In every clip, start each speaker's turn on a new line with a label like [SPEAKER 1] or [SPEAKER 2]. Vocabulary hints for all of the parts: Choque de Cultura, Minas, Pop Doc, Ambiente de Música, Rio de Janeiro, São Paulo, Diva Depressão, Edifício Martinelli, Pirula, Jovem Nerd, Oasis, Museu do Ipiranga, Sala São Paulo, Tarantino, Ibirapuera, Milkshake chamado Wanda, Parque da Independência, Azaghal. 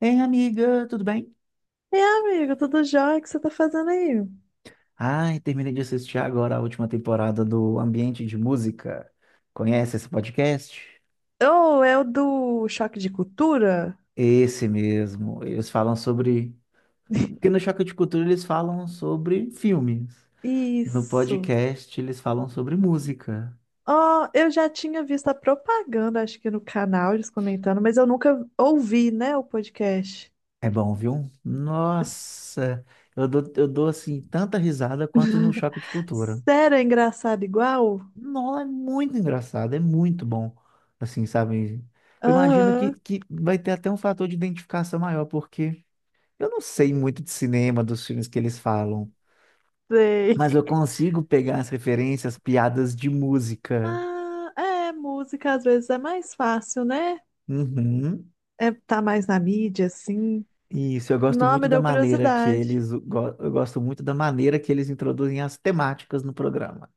[SPEAKER 1] Ei, amiga, tudo bem?
[SPEAKER 2] E amigo, tudo jóia? O que você tá fazendo aí?
[SPEAKER 1] Ai, terminei de assistir agora a última temporada do Ambiente de Música. Conhece esse podcast?
[SPEAKER 2] Oh, é o do choque de cultura?
[SPEAKER 1] Esse mesmo. Eles falam sobre. Porque no Choque de Cultura eles falam sobre filmes. No
[SPEAKER 2] Isso.
[SPEAKER 1] podcast eles falam sobre música.
[SPEAKER 2] Oh, eu já tinha visto a propaganda, acho que no canal, eles comentando, mas eu nunca ouvi, né, o podcast.
[SPEAKER 1] É bom, viu?
[SPEAKER 2] S-
[SPEAKER 1] Nossa, eu dou assim tanta risada quanto no Choque de Cultura.
[SPEAKER 2] Sério, é engraçado igual?
[SPEAKER 1] Não, é muito engraçado, é muito bom. Assim, sabe? Eu imagino que,
[SPEAKER 2] Aham,
[SPEAKER 1] que vai ter até um fator de identificação maior, porque eu não sei muito de cinema, dos filmes que eles falam,
[SPEAKER 2] sei.
[SPEAKER 1] mas eu consigo pegar as referências, piadas de música.
[SPEAKER 2] Ah, é, música às vezes é mais fácil, né?
[SPEAKER 1] Uhum.
[SPEAKER 2] É, tá mais na mídia, assim.
[SPEAKER 1] Isso, eu gosto
[SPEAKER 2] Não,
[SPEAKER 1] muito
[SPEAKER 2] me
[SPEAKER 1] da
[SPEAKER 2] deu
[SPEAKER 1] maneira que
[SPEAKER 2] curiosidade.
[SPEAKER 1] eu gosto muito da maneira que eles introduzem as temáticas no programa.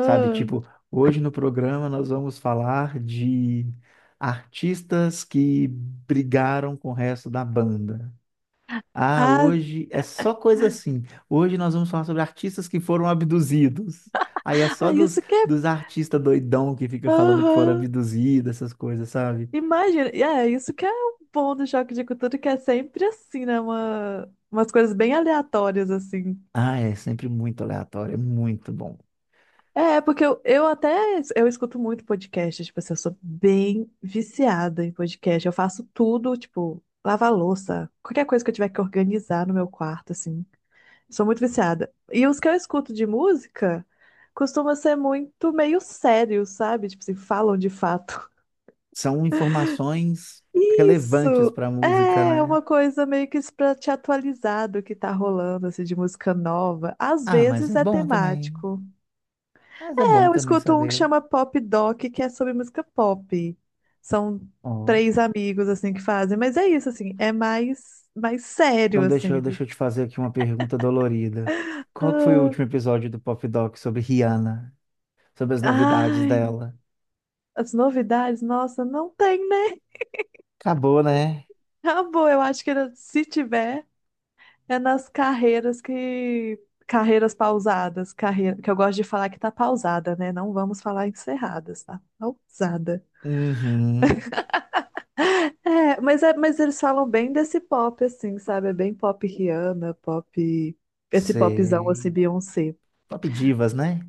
[SPEAKER 1] Sabe, tipo, hoje no programa nós vamos falar de artistas que brigaram com o resto da banda. Ah,
[SPEAKER 2] ah,
[SPEAKER 1] hoje é só coisa assim. Hoje nós vamos falar sobre artistas que foram abduzidos. Aí é só
[SPEAKER 2] ah,
[SPEAKER 1] dos,
[SPEAKER 2] isso que é.
[SPEAKER 1] dos artistas doidão que fica falando que foram
[SPEAKER 2] Aham.
[SPEAKER 1] abduzidos, essas coisas, sabe?
[SPEAKER 2] Imagina, e é isso que é o bom do choque de cultura, que é sempre assim, né? Uma, umas coisas bem aleatórias, assim.
[SPEAKER 1] Ah, é sempre muito aleatório, é muito bom.
[SPEAKER 2] É, porque eu escuto muito podcast, tipo assim, eu sou bem viciada em podcast. Eu faço tudo, tipo, lavar louça, qualquer coisa que eu tiver que organizar no meu quarto, assim. Sou muito viciada. E os que eu escuto de música costumam ser muito meio sérios, sabe? Tipo assim, falam de fato.
[SPEAKER 1] São informações
[SPEAKER 2] Isso!
[SPEAKER 1] relevantes para a música,
[SPEAKER 2] É
[SPEAKER 1] né?
[SPEAKER 2] uma coisa meio que para te atualizar do que tá rolando, assim, de música nova. Às
[SPEAKER 1] Ah, mas
[SPEAKER 2] vezes
[SPEAKER 1] é
[SPEAKER 2] é
[SPEAKER 1] bom também.
[SPEAKER 2] temático.
[SPEAKER 1] Mas é
[SPEAKER 2] É,
[SPEAKER 1] bom
[SPEAKER 2] eu
[SPEAKER 1] também
[SPEAKER 2] escuto um que
[SPEAKER 1] saber.
[SPEAKER 2] chama Pop Doc, que é sobre música pop. São
[SPEAKER 1] Ó.
[SPEAKER 2] três amigos, assim, que fazem. Mas é isso, assim, é mais sério,
[SPEAKER 1] Então,
[SPEAKER 2] assim.
[SPEAKER 1] deixa eu te fazer aqui uma pergunta dolorida. Qual que foi o
[SPEAKER 2] Ah,
[SPEAKER 1] último episódio do Pop Doc sobre Rihanna? Sobre as novidades
[SPEAKER 2] ai,
[SPEAKER 1] dela?
[SPEAKER 2] as novidades, nossa, não tem, né?
[SPEAKER 1] Acabou, né?
[SPEAKER 2] Acabou, eu acho que se tiver. É nas carreiras que. Carreiras pausadas, carreira, que eu gosto de falar que tá pausada, né? Não vamos falar encerradas, tá pausada.
[SPEAKER 1] Uhum.
[SPEAKER 2] mas eles falam bem desse pop, assim, sabe? É bem pop Rihanna, pop. Esse popzão, assim,
[SPEAKER 1] Sei.
[SPEAKER 2] Beyoncé.
[SPEAKER 1] Top divas, né?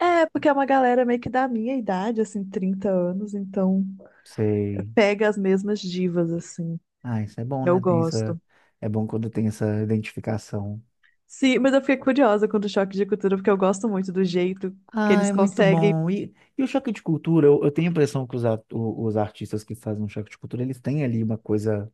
[SPEAKER 2] É, porque é uma galera meio que da minha idade, assim, 30 anos, então
[SPEAKER 1] Sei.
[SPEAKER 2] pega as mesmas divas, assim.
[SPEAKER 1] Ah, isso é bom,
[SPEAKER 2] Eu
[SPEAKER 1] né? Tem essa...
[SPEAKER 2] gosto.
[SPEAKER 1] É bom quando tem essa identificação.
[SPEAKER 2] Sim, mas eu fiquei curiosa com o choque de cultura, porque eu gosto muito do jeito que
[SPEAKER 1] Ah,
[SPEAKER 2] eles
[SPEAKER 1] é muito
[SPEAKER 2] conseguem.
[SPEAKER 1] bom. E o choque de cultura, eu tenho a impressão que os artistas que fazem um choque de cultura, eles têm ali uma coisa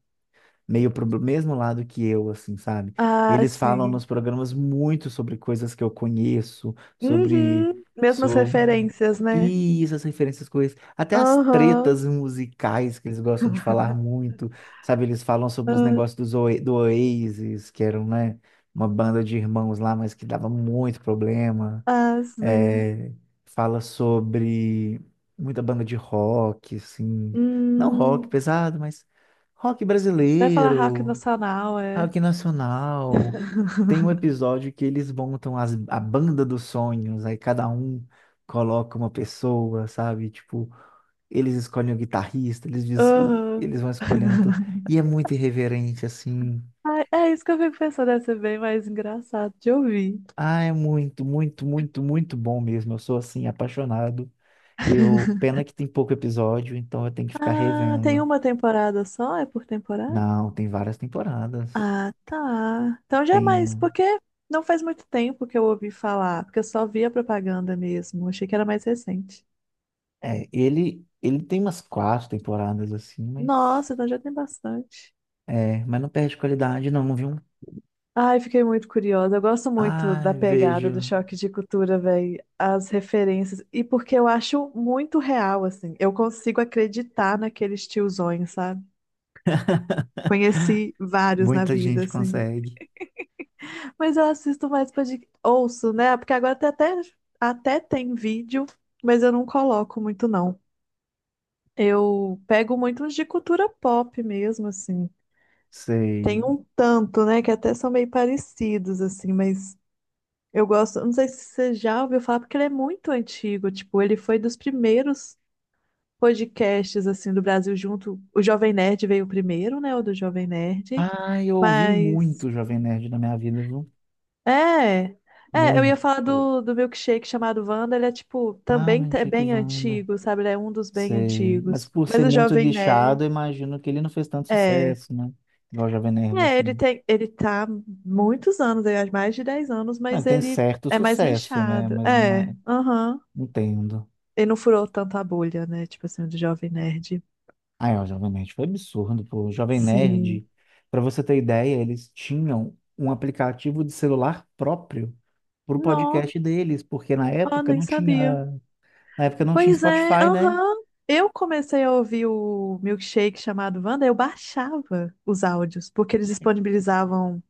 [SPEAKER 1] meio pro mesmo lado que eu, assim, sabe?
[SPEAKER 2] Ah,
[SPEAKER 1] Eles falam
[SPEAKER 2] sim.
[SPEAKER 1] nos programas muito sobre coisas que eu conheço, sobre,
[SPEAKER 2] Uhum. Mesmas
[SPEAKER 1] sobre
[SPEAKER 2] referências, né?
[SPEAKER 1] isso, as referências com isso, até as
[SPEAKER 2] Aham.
[SPEAKER 1] tretas musicais que eles gostam de falar muito, sabe? Eles falam sobre os
[SPEAKER 2] Ah,
[SPEAKER 1] negócios do Oasis, que eram, né, uma banda de irmãos lá, mas que dava muito problema.
[SPEAKER 2] ah, sim.
[SPEAKER 1] É, fala sobre muita banda de rock, assim. Não rock
[SPEAKER 2] Hum.
[SPEAKER 1] pesado, mas rock
[SPEAKER 2] Vai falar rock
[SPEAKER 1] brasileiro,
[SPEAKER 2] nacional, é.
[SPEAKER 1] rock nacional. Tem um episódio que eles montam a banda dos sonhos, aí cada um coloca uma pessoa, sabe? Tipo, eles escolhem o guitarrista,
[SPEAKER 2] Aham.
[SPEAKER 1] eles vão escolhendo tudo. E é muito irreverente, assim.
[SPEAKER 2] Ai, é isso que eu fico pensando, deve ser bem mais engraçado de ouvir.
[SPEAKER 1] Ah, é muito, muito, muito, muito bom mesmo. Eu sou, assim, apaixonado. Eu, pena que tem pouco episódio, então eu tenho que ficar
[SPEAKER 2] Ah, tem
[SPEAKER 1] revendo.
[SPEAKER 2] uma temporada só? É por temporada?
[SPEAKER 1] Não, tem várias temporadas.
[SPEAKER 2] Ah, tá. Então já é mais,
[SPEAKER 1] Tem,
[SPEAKER 2] porque não faz muito tempo que eu ouvi falar, porque eu só vi a propaganda mesmo. Achei que era mais recente.
[SPEAKER 1] ele tem umas 4 temporadas assim,
[SPEAKER 2] Nossa,
[SPEAKER 1] mas
[SPEAKER 2] então já tem bastante.
[SPEAKER 1] é, mas não perde qualidade não, viu?
[SPEAKER 2] Ai, fiquei muito curiosa. Eu gosto muito da
[SPEAKER 1] Ai,
[SPEAKER 2] pegada
[SPEAKER 1] vejo,
[SPEAKER 2] do choque de cultura, velho, as referências. E porque eu acho muito real, assim. Eu consigo acreditar naqueles tiozões, sabe? Conheci vários na
[SPEAKER 1] muita
[SPEAKER 2] vida,
[SPEAKER 1] gente
[SPEAKER 2] assim.
[SPEAKER 1] consegue.
[SPEAKER 2] Mas eu assisto mais podcast. Ouço, né? Porque agora tem até tem vídeo, mas eu não coloco muito, não. Eu pego muito uns de cultura pop mesmo, assim. Tem
[SPEAKER 1] Sei.
[SPEAKER 2] um tanto, né? Que até são meio parecidos, assim, mas. Eu gosto, não sei se você já ouviu falar, porque ele é muito antigo. Tipo, ele foi dos primeiros podcasts assim do Brasil junto. O Jovem Nerd veio primeiro, né? O do Jovem Nerd.
[SPEAKER 1] Ah, eu ouvi
[SPEAKER 2] Mas
[SPEAKER 1] muito Jovem Nerd na minha vida, viu?
[SPEAKER 2] é, eu ia falar
[SPEAKER 1] Muito.
[SPEAKER 2] do milkshake chamado Wanda, ele é tipo,
[SPEAKER 1] Ah,
[SPEAKER 2] também
[SPEAKER 1] meu
[SPEAKER 2] é
[SPEAKER 1] Chique
[SPEAKER 2] bem
[SPEAKER 1] Wanda.
[SPEAKER 2] antigo, sabe? Ele é um dos bem
[SPEAKER 1] Sei. Mas
[SPEAKER 2] antigos.
[SPEAKER 1] por
[SPEAKER 2] Mas
[SPEAKER 1] ser
[SPEAKER 2] o
[SPEAKER 1] muito
[SPEAKER 2] Jovem Nerd
[SPEAKER 1] nichado, eu imagino que ele não fez tanto
[SPEAKER 2] é,
[SPEAKER 1] sucesso, né? Igual Jovem Nerd,
[SPEAKER 2] ele
[SPEAKER 1] assim.
[SPEAKER 2] tem, ele tá há muitos anos, ele é mais de 10 anos,
[SPEAKER 1] Mas
[SPEAKER 2] mas
[SPEAKER 1] tem
[SPEAKER 2] ele
[SPEAKER 1] certo
[SPEAKER 2] é mais
[SPEAKER 1] sucesso, né?
[SPEAKER 2] nichado.
[SPEAKER 1] Mas não
[SPEAKER 2] É,
[SPEAKER 1] é.
[SPEAKER 2] aham.
[SPEAKER 1] Entendo.
[SPEAKER 2] Ele não furou tanta bolha, né? Tipo assim, o do Jovem Nerd.
[SPEAKER 1] Ah, é, o Jovem Nerd foi absurdo, pô. O Jovem Nerd,
[SPEAKER 2] Sim.
[SPEAKER 1] para você ter ideia, eles tinham um aplicativo de celular próprio pro
[SPEAKER 2] Não.
[SPEAKER 1] podcast deles, porque na
[SPEAKER 2] Ah,
[SPEAKER 1] época
[SPEAKER 2] nem
[SPEAKER 1] não tinha,
[SPEAKER 2] sabia.
[SPEAKER 1] na época não tinha
[SPEAKER 2] Pois é,
[SPEAKER 1] Spotify, né?
[SPEAKER 2] aham. Eu comecei a ouvir o Milkshake chamado Wanda, eu baixava os áudios, porque eles disponibilizavam,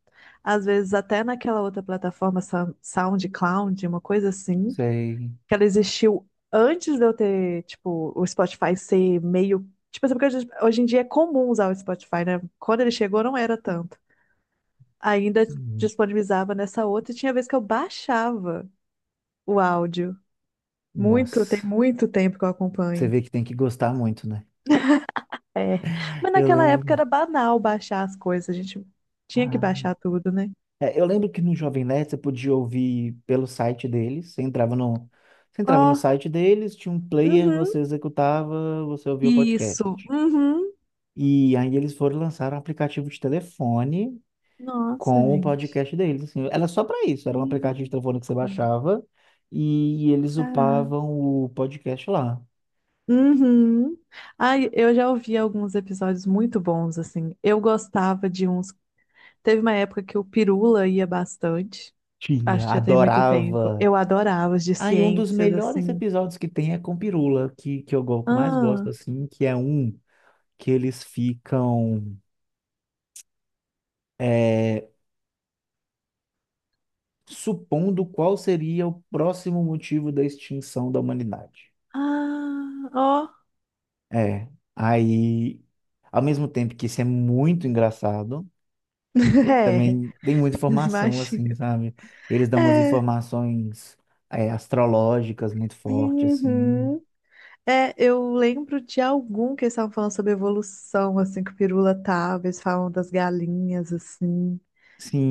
[SPEAKER 2] às vezes, até naquela outra plataforma, SoundCloud, uma coisa assim,
[SPEAKER 1] Sei.
[SPEAKER 2] que ela existiu antes de eu ter, tipo, o Spotify ser meio. Tipo assim, porque hoje em dia é comum usar o Spotify, né? Quando ele chegou, não era tanto. Ainda
[SPEAKER 1] Hum,
[SPEAKER 2] disponibilizava nessa outra, e tinha vez que eu baixava o áudio. Muito, tem
[SPEAKER 1] Nossa,
[SPEAKER 2] muito tempo que eu
[SPEAKER 1] você
[SPEAKER 2] acompanho.
[SPEAKER 1] vê que tem que gostar muito, né?
[SPEAKER 2] É. Mas
[SPEAKER 1] Eu
[SPEAKER 2] naquela
[SPEAKER 1] lembro.
[SPEAKER 2] época era banal baixar as coisas, a gente tinha que baixar tudo, né?
[SPEAKER 1] É, eu lembro que no Jovem Nerd você podia ouvir pelo site deles. Você entrava no
[SPEAKER 2] Ó,
[SPEAKER 1] site deles, tinha um player,
[SPEAKER 2] uhum,
[SPEAKER 1] você executava, você ouvia o podcast.
[SPEAKER 2] isso, uhum.
[SPEAKER 1] E aí eles foram lançar um aplicativo de telefone
[SPEAKER 2] Nossa,
[SPEAKER 1] com o
[SPEAKER 2] gente.
[SPEAKER 1] podcast deles. Assim, era só para isso, era um aplicativo de
[SPEAKER 2] Hum,
[SPEAKER 1] telefone que você baixava e eles
[SPEAKER 2] Caraca.
[SPEAKER 1] upavam o podcast lá.
[SPEAKER 2] Uhum. Ai, eu já ouvi alguns episódios muito bons, assim. Eu gostava de uns. Teve uma época que o Pirula ia bastante. Acho
[SPEAKER 1] Tinha,
[SPEAKER 2] que já tem muito tempo.
[SPEAKER 1] adorava.
[SPEAKER 2] Eu adorava os de
[SPEAKER 1] Aí um dos
[SPEAKER 2] ciências,
[SPEAKER 1] melhores
[SPEAKER 2] assim.
[SPEAKER 1] episódios que tem é com Pirula, que eu mais
[SPEAKER 2] Ah,
[SPEAKER 1] gosto, assim, que é um que eles ficam. É, supondo qual seria o próximo motivo da extinção da humanidade.
[SPEAKER 2] ah, ó.
[SPEAKER 1] É, aí, ao mesmo tempo que isso é muito engraçado, ele
[SPEAKER 2] É,
[SPEAKER 1] também tem muita informação,
[SPEAKER 2] imagina.
[SPEAKER 1] assim, sabe? Eles dão umas
[SPEAKER 2] É,
[SPEAKER 1] informações, é, astrológicas muito fortes, assim.
[SPEAKER 2] uhum. É, eu lembro de algum que eles estavam falando sobre evolução, assim, que o Pirula tava, eles falam das galinhas, assim.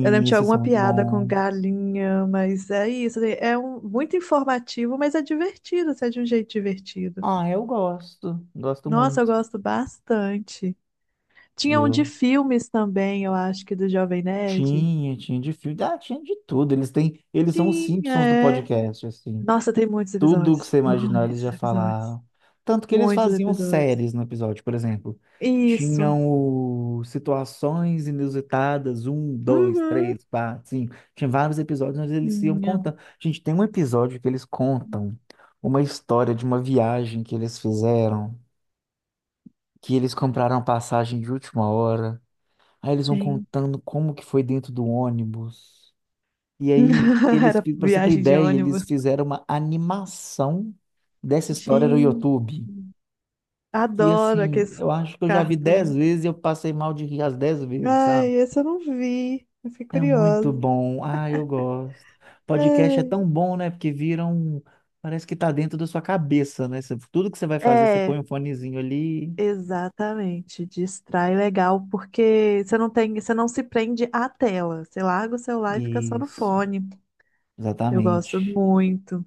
[SPEAKER 2] Eu lembro de
[SPEAKER 1] esses
[SPEAKER 2] alguma
[SPEAKER 1] são muito
[SPEAKER 2] piada com
[SPEAKER 1] bons.
[SPEAKER 2] galinha, mas é isso, assim, é um, muito informativo, mas é divertido, assim, é de um jeito divertido.
[SPEAKER 1] Ah, eu gosto, gosto
[SPEAKER 2] Nossa, eu
[SPEAKER 1] muito.
[SPEAKER 2] gosto bastante. Tinha um de
[SPEAKER 1] Eu
[SPEAKER 2] filmes também, eu acho que do Jovem Nerd.
[SPEAKER 1] tinha, tinha de filme, ah, tinha de tudo. Eles têm, eles são os
[SPEAKER 2] Tinha,
[SPEAKER 1] Simpsons do
[SPEAKER 2] é.
[SPEAKER 1] podcast, assim.
[SPEAKER 2] Nossa, tem muitos
[SPEAKER 1] Tudo que
[SPEAKER 2] episódios.
[SPEAKER 1] você imaginar, eles
[SPEAKER 2] Muitos
[SPEAKER 1] já
[SPEAKER 2] episódios.
[SPEAKER 1] falaram. Tanto que eles
[SPEAKER 2] Muitos
[SPEAKER 1] faziam
[SPEAKER 2] episódios.
[SPEAKER 1] séries no episódio, por exemplo.
[SPEAKER 2] Isso.
[SPEAKER 1] Tinham o situações inusitadas, um, dois,
[SPEAKER 2] Uhum.
[SPEAKER 1] três, quatro, cinco. Tinha vários episódios onde eles iam
[SPEAKER 2] Minha,
[SPEAKER 1] contando. Gente, tem um episódio que eles contam uma história de uma viagem que eles fizeram, que eles compraram passagem de última hora. Aí eles vão
[SPEAKER 2] gente.
[SPEAKER 1] contando como que foi dentro do ônibus. E aí, eles,
[SPEAKER 2] Era
[SPEAKER 1] para você ter
[SPEAKER 2] viagem de
[SPEAKER 1] ideia, eles
[SPEAKER 2] ônibus.
[SPEAKER 1] fizeram uma animação dessa história no
[SPEAKER 2] Gente,
[SPEAKER 1] YouTube. E
[SPEAKER 2] adoro
[SPEAKER 1] assim,
[SPEAKER 2] aqueles
[SPEAKER 1] eu acho que eu já vi dez
[SPEAKER 2] cartão.
[SPEAKER 1] vezes e eu passei mal de rir as 10 vezes, sabe?
[SPEAKER 2] Ai, esse eu não vi. Eu fiquei
[SPEAKER 1] É muito
[SPEAKER 2] curiosa.
[SPEAKER 1] bom. Ah, eu gosto. Podcast é
[SPEAKER 2] Ai.
[SPEAKER 1] tão bom, né? Porque vira um. Parece que tá dentro da sua cabeça, né? Você- Tudo que você vai fazer, você
[SPEAKER 2] É,
[SPEAKER 1] põe um fonezinho ali.
[SPEAKER 2] exatamente, distrai legal, porque você não tem, você não se prende à tela. Você larga o celular e fica só no
[SPEAKER 1] Isso,
[SPEAKER 2] fone. Eu gosto
[SPEAKER 1] exatamente.
[SPEAKER 2] muito.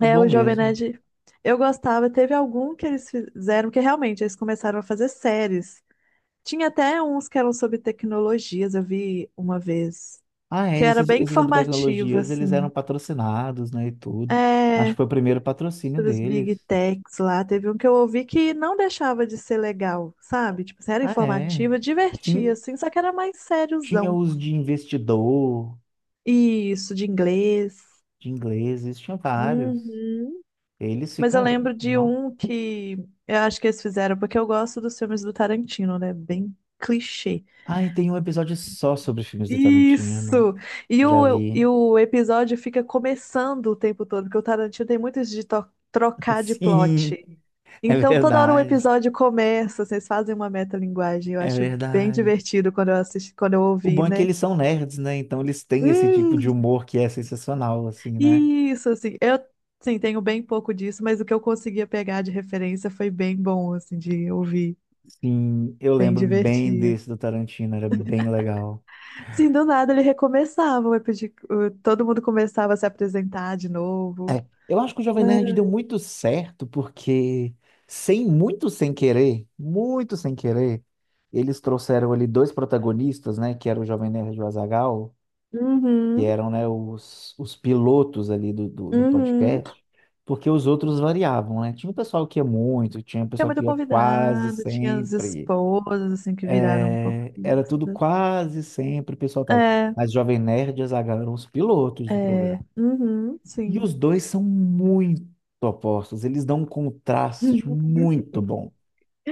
[SPEAKER 1] É
[SPEAKER 2] É, o
[SPEAKER 1] bom
[SPEAKER 2] Jovem
[SPEAKER 1] mesmo.
[SPEAKER 2] Nerd, eu gostava. Teve algum que eles fizeram, que realmente eles começaram a fazer séries. Tinha até uns que eram sobre tecnologias, eu vi uma vez,
[SPEAKER 1] Ah,
[SPEAKER 2] que
[SPEAKER 1] é,
[SPEAKER 2] era
[SPEAKER 1] esses,
[SPEAKER 2] bem
[SPEAKER 1] esses sobre
[SPEAKER 2] informativo,
[SPEAKER 1] tecnologias, eles eram
[SPEAKER 2] assim.
[SPEAKER 1] patrocinados, né, e tudo. Acho
[SPEAKER 2] É,
[SPEAKER 1] que foi o primeiro patrocínio
[SPEAKER 2] dos big
[SPEAKER 1] deles.
[SPEAKER 2] techs lá. Teve um que eu ouvi que não deixava de ser legal, sabe? Tipo, assim, era
[SPEAKER 1] Ah, é.
[SPEAKER 2] informativa, divertia,
[SPEAKER 1] Sim,
[SPEAKER 2] assim, só que era mais
[SPEAKER 1] tinha
[SPEAKER 2] sériozão.
[SPEAKER 1] os de investidor,
[SPEAKER 2] Isso, de inglês.
[SPEAKER 1] de ingleses, tinha vários.
[SPEAKER 2] Uhum.
[SPEAKER 1] Eles
[SPEAKER 2] Mas eu
[SPEAKER 1] ficaram,
[SPEAKER 2] lembro de
[SPEAKER 1] não.
[SPEAKER 2] um que eu acho que eles fizeram, porque eu gosto dos filmes do Tarantino, né? Bem clichê.
[SPEAKER 1] Ah, e tem um episódio só sobre filmes do Tarantino.
[SPEAKER 2] Isso! E
[SPEAKER 1] Já
[SPEAKER 2] o,
[SPEAKER 1] vi.
[SPEAKER 2] e o episódio fica começando o tempo todo, porque o Tarantino tem muito isso de trocar de
[SPEAKER 1] Sim,
[SPEAKER 2] plot.
[SPEAKER 1] é
[SPEAKER 2] Então, toda hora o
[SPEAKER 1] verdade.
[SPEAKER 2] episódio começa, vocês fazem uma metalinguagem. Eu
[SPEAKER 1] É
[SPEAKER 2] acho bem
[SPEAKER 1] verdade.
[SPEAKER 2] divertido quando eu assisti, quando eu
[SPEAKER 1] O
[SPEAKER 2] ouvi,
[SPEAKER 1] bom é que
[SPEAKER 2] né?
[SPEAKER 1] eles são nerds, né? Então eles têm esse tipo de
[SPEAKER 2] Hum,
[SPEAKER 1] humor que é sensacional, assim, né?
[SPEAKER 2] isso, assim, eu sim, tenho bem pouco disso, mas o que eu conseguia pegar de referência foi bem bom, assim, de ouvir.
[SPEAKER 1] Sim, eu
[SPEAKER 2] Bem
[SPEAKER 1] lembro bem
[SPEAKER 2] divertido.
[SPEAKER 1] desse do Tarantino, era bem legal.
[SPEAKER 2] Assim, do nada ele recomeçava, todo mundo começava a se apresentar de novo.
[SPEAKER 1] É, eu acho que o Jovem Nerd deu muito certo, porque sem muito sem querer, muito sem querer, eles trouxeram ali dois protagonistas, né? Que era o Jovem Nerd e o Azaghal, que
[SPEAKER 2] Uhum,
[SPEAKER 1] eram, né, os pilotos ali do
[SPEAKER 2] uhum.
[SPEAKER 1] podcast, porque os outros variavam, né? Tinha um pessoal que ia muito, tinha um
[SPEAKER 2] Tinha
[SPEAKER 1] pessoal
[SPEAKER 2] muito
[SPEAKER 1] que ia quase
[SPEAKER 2] convidado, tinha as
[SPEAKER 1] sempre.
[SPEAKER 2] esposas, assim, que viraram um pouco
[SPEAKER 1] É, era tudo
[SPEAKER 2] fixas.
[SPEAKER 1] quase sempre o pessoal tava.
[SPEAKER 2] É,
[SPEAKER 1] Mas Jovem Nerd e Azaghal eram os pilotos do
[SPEAKER 2] é,
[SPEAKER 1] programa.
[SPEAKER 2] uhum,
[SPEAKER 1] E os
[SPEAKER 2] sim.
[SPEAKER 1] dois são muito opostos, eles dão um contraste muito bom.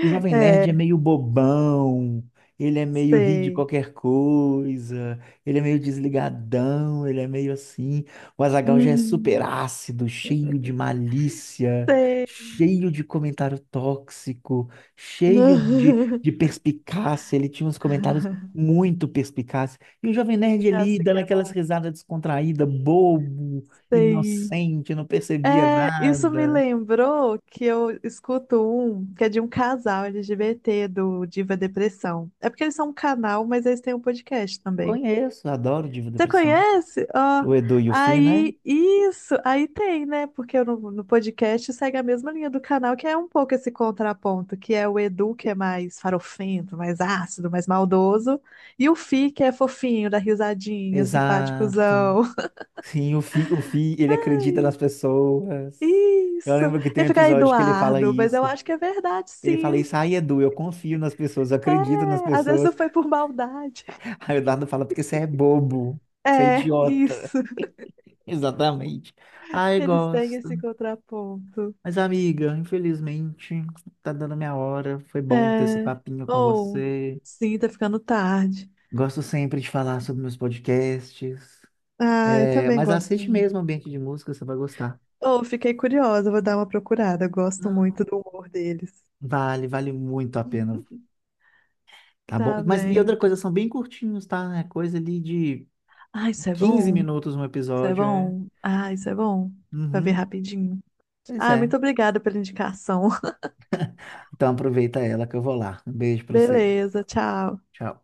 [SPEAKER 1] O Jovem Nerd é
[SPEAKER 2] É,
[SPEAKER 1] meio bobão, ele é meio ri de
[SPEAKER 2] sei.
[SPEAKER 1] qualquer coisa, ele é meio desligadão, ele é meio assim. O Azaghal já é super
[SPEAKER 2] Uhum,
[SPEAKER 1] ácido, cheio de malícia,
[SPEAKER 2] sei.
[SPEAKER 1] cheio de comentário tóxico, cheio de perspicácia. Ele tinha uns comentários muito perspicazes. E o Jovem Nerd ali,
[SPEAKER 2] Acho que
[SPEAKER 1] dando
[SPEAKER 2] é
[SPEAKER 1] aquelas
[SPEAKER 2] bom.
[SPEAKER 1] risadas descontraídas, bobo,
[SPEAKER 2] Sei.
[SPEAKER 1] inocente, não percebia
[SPEAKER 2] É, isso me
[SPEAKER 1] nada.
[SPEAKER 2] lembrou que eu escuto um que é de um casal LGBT do Diva Depressão. É porque eles são um canal, mas eles têm um podcast também.
[SPEAKER 1] Conheço, adoro Diva
[SPEAKER 2] Você
[SPEAKER 1] Depressão.
[SPEAKER 2] conhece? Ó,
[SPEAKER 1] O Edu e o Fi, né?
[SPEAKER 2] aí, isso, aí tem, né? Porque no podcast segue a mesma linha do canal, que é um pouco esse contraponto, que é o Edu, que é mais farofento, mais ácido, mais maldoso, e o Fi, que é fofinho, dá risadinha,
[SPEAKER 1] Exato.
[SPEAKER 2] simpáticozão.
[SPEAKER 1] Sim, o Fi, ele acredita nas pessoas. Eu
[SPEAKER 2] Isso!
[SPEAKER 1] lembro que tem
[SPEAKER 2] E
[SPEAKER 1] um
[SPEAKER 2] fica
[SPEAKER 1] episódio que ele fala
[SPEAKER 2] Eduardo, mas eu
[SPEAKER 1] isso.
[SPEAKER 2] acho que é verdade,
[SPEAKER 1] Ele fala
[SPEAKER 2] sim.
[SPEAKER 1] isso, ai, Edu, eu confio nas pessoas, eu
[SPEAKER 2] É,
[SPEAKER 1] acredito nas
[SPEAKER 2] às vezes
[SPEAKER 1] pessoas.
[SPEAKER 2] não foi por maldade.
[SPEAKER 1] Aí o Eduardo fala, porque você é bobo, você é
[SPEAKER 2] É,
[SPEAKER 1] idiota.
[SPEAKER 2] isso.
[SPEAKER 1] Exatamente. Ai,
[SPEAKER 2] Eles têm
[SPEAKER 1] gosto.
[SPEAKER 2] esse contraponto.
[SPEAKER 1] Mas, amiga, infelizmente, tá dando minha hora. Foi bom ter esse
[SPEAKER 2] É.
[SPEAKER 1] papinho com
[SPEAKER 2] Ou,
[SPEAKER 1] você.
[SPEAKER 2] sim, tá ficando tarde.
[SPEAKER 1] Gosto sempre de falar sobre meus podcasts.
[SPEAKER 2] Ah, eu
[SPEAKER 1] É,
[SPEAKER 2] também
[SPEAKER 1] mas
[SPEAKER 2] gosto
[SPEAKER 1] assiste
[SPEAKER 2] muito.
[SPEAKER 1] mesmo Ambiente de Música, você vai gostar.
[SPEAKER 2] Ou, fiquei curiosa, vou dar uma procurada. Eu gosto muito do humor deles.
[SPEAKER 1] Vale, vale muito a pena, tá bom?
[SPEAKER 2] Tá
[SPEAKER 1] Mas e
[SPEAKER 2] bem.
[SPEAKER 1] outra coisa, são bem curtinhos, tá? É coisa ali de
[SPEAKER 2] Ah, isso é
[SPEAKER 1] 15
[SPEAKER 2] bom.
[SPEAKER 1] minutos um
[SPEAKER 2] Isso é
[SPEAKER 1] episódio, é.
[SPEAKER 2] bom. Ah, isso é bom. Pra ver
[SPEAKER 1] Uhum,
[SPEAKER 2] rapidinho.
[SPEAKER 1] pois
[SPEAKER 2] Ah,
[SPEAKER 1] é.
[SPEAKER 2] muito obrigada pela indicação.
[SPEAKER 1] Então aproveita ela que eu vou lá. Um beijo pra você.
[SPEAKER 2] Beleza, tchau.
[SPEAKER 1] Tchau.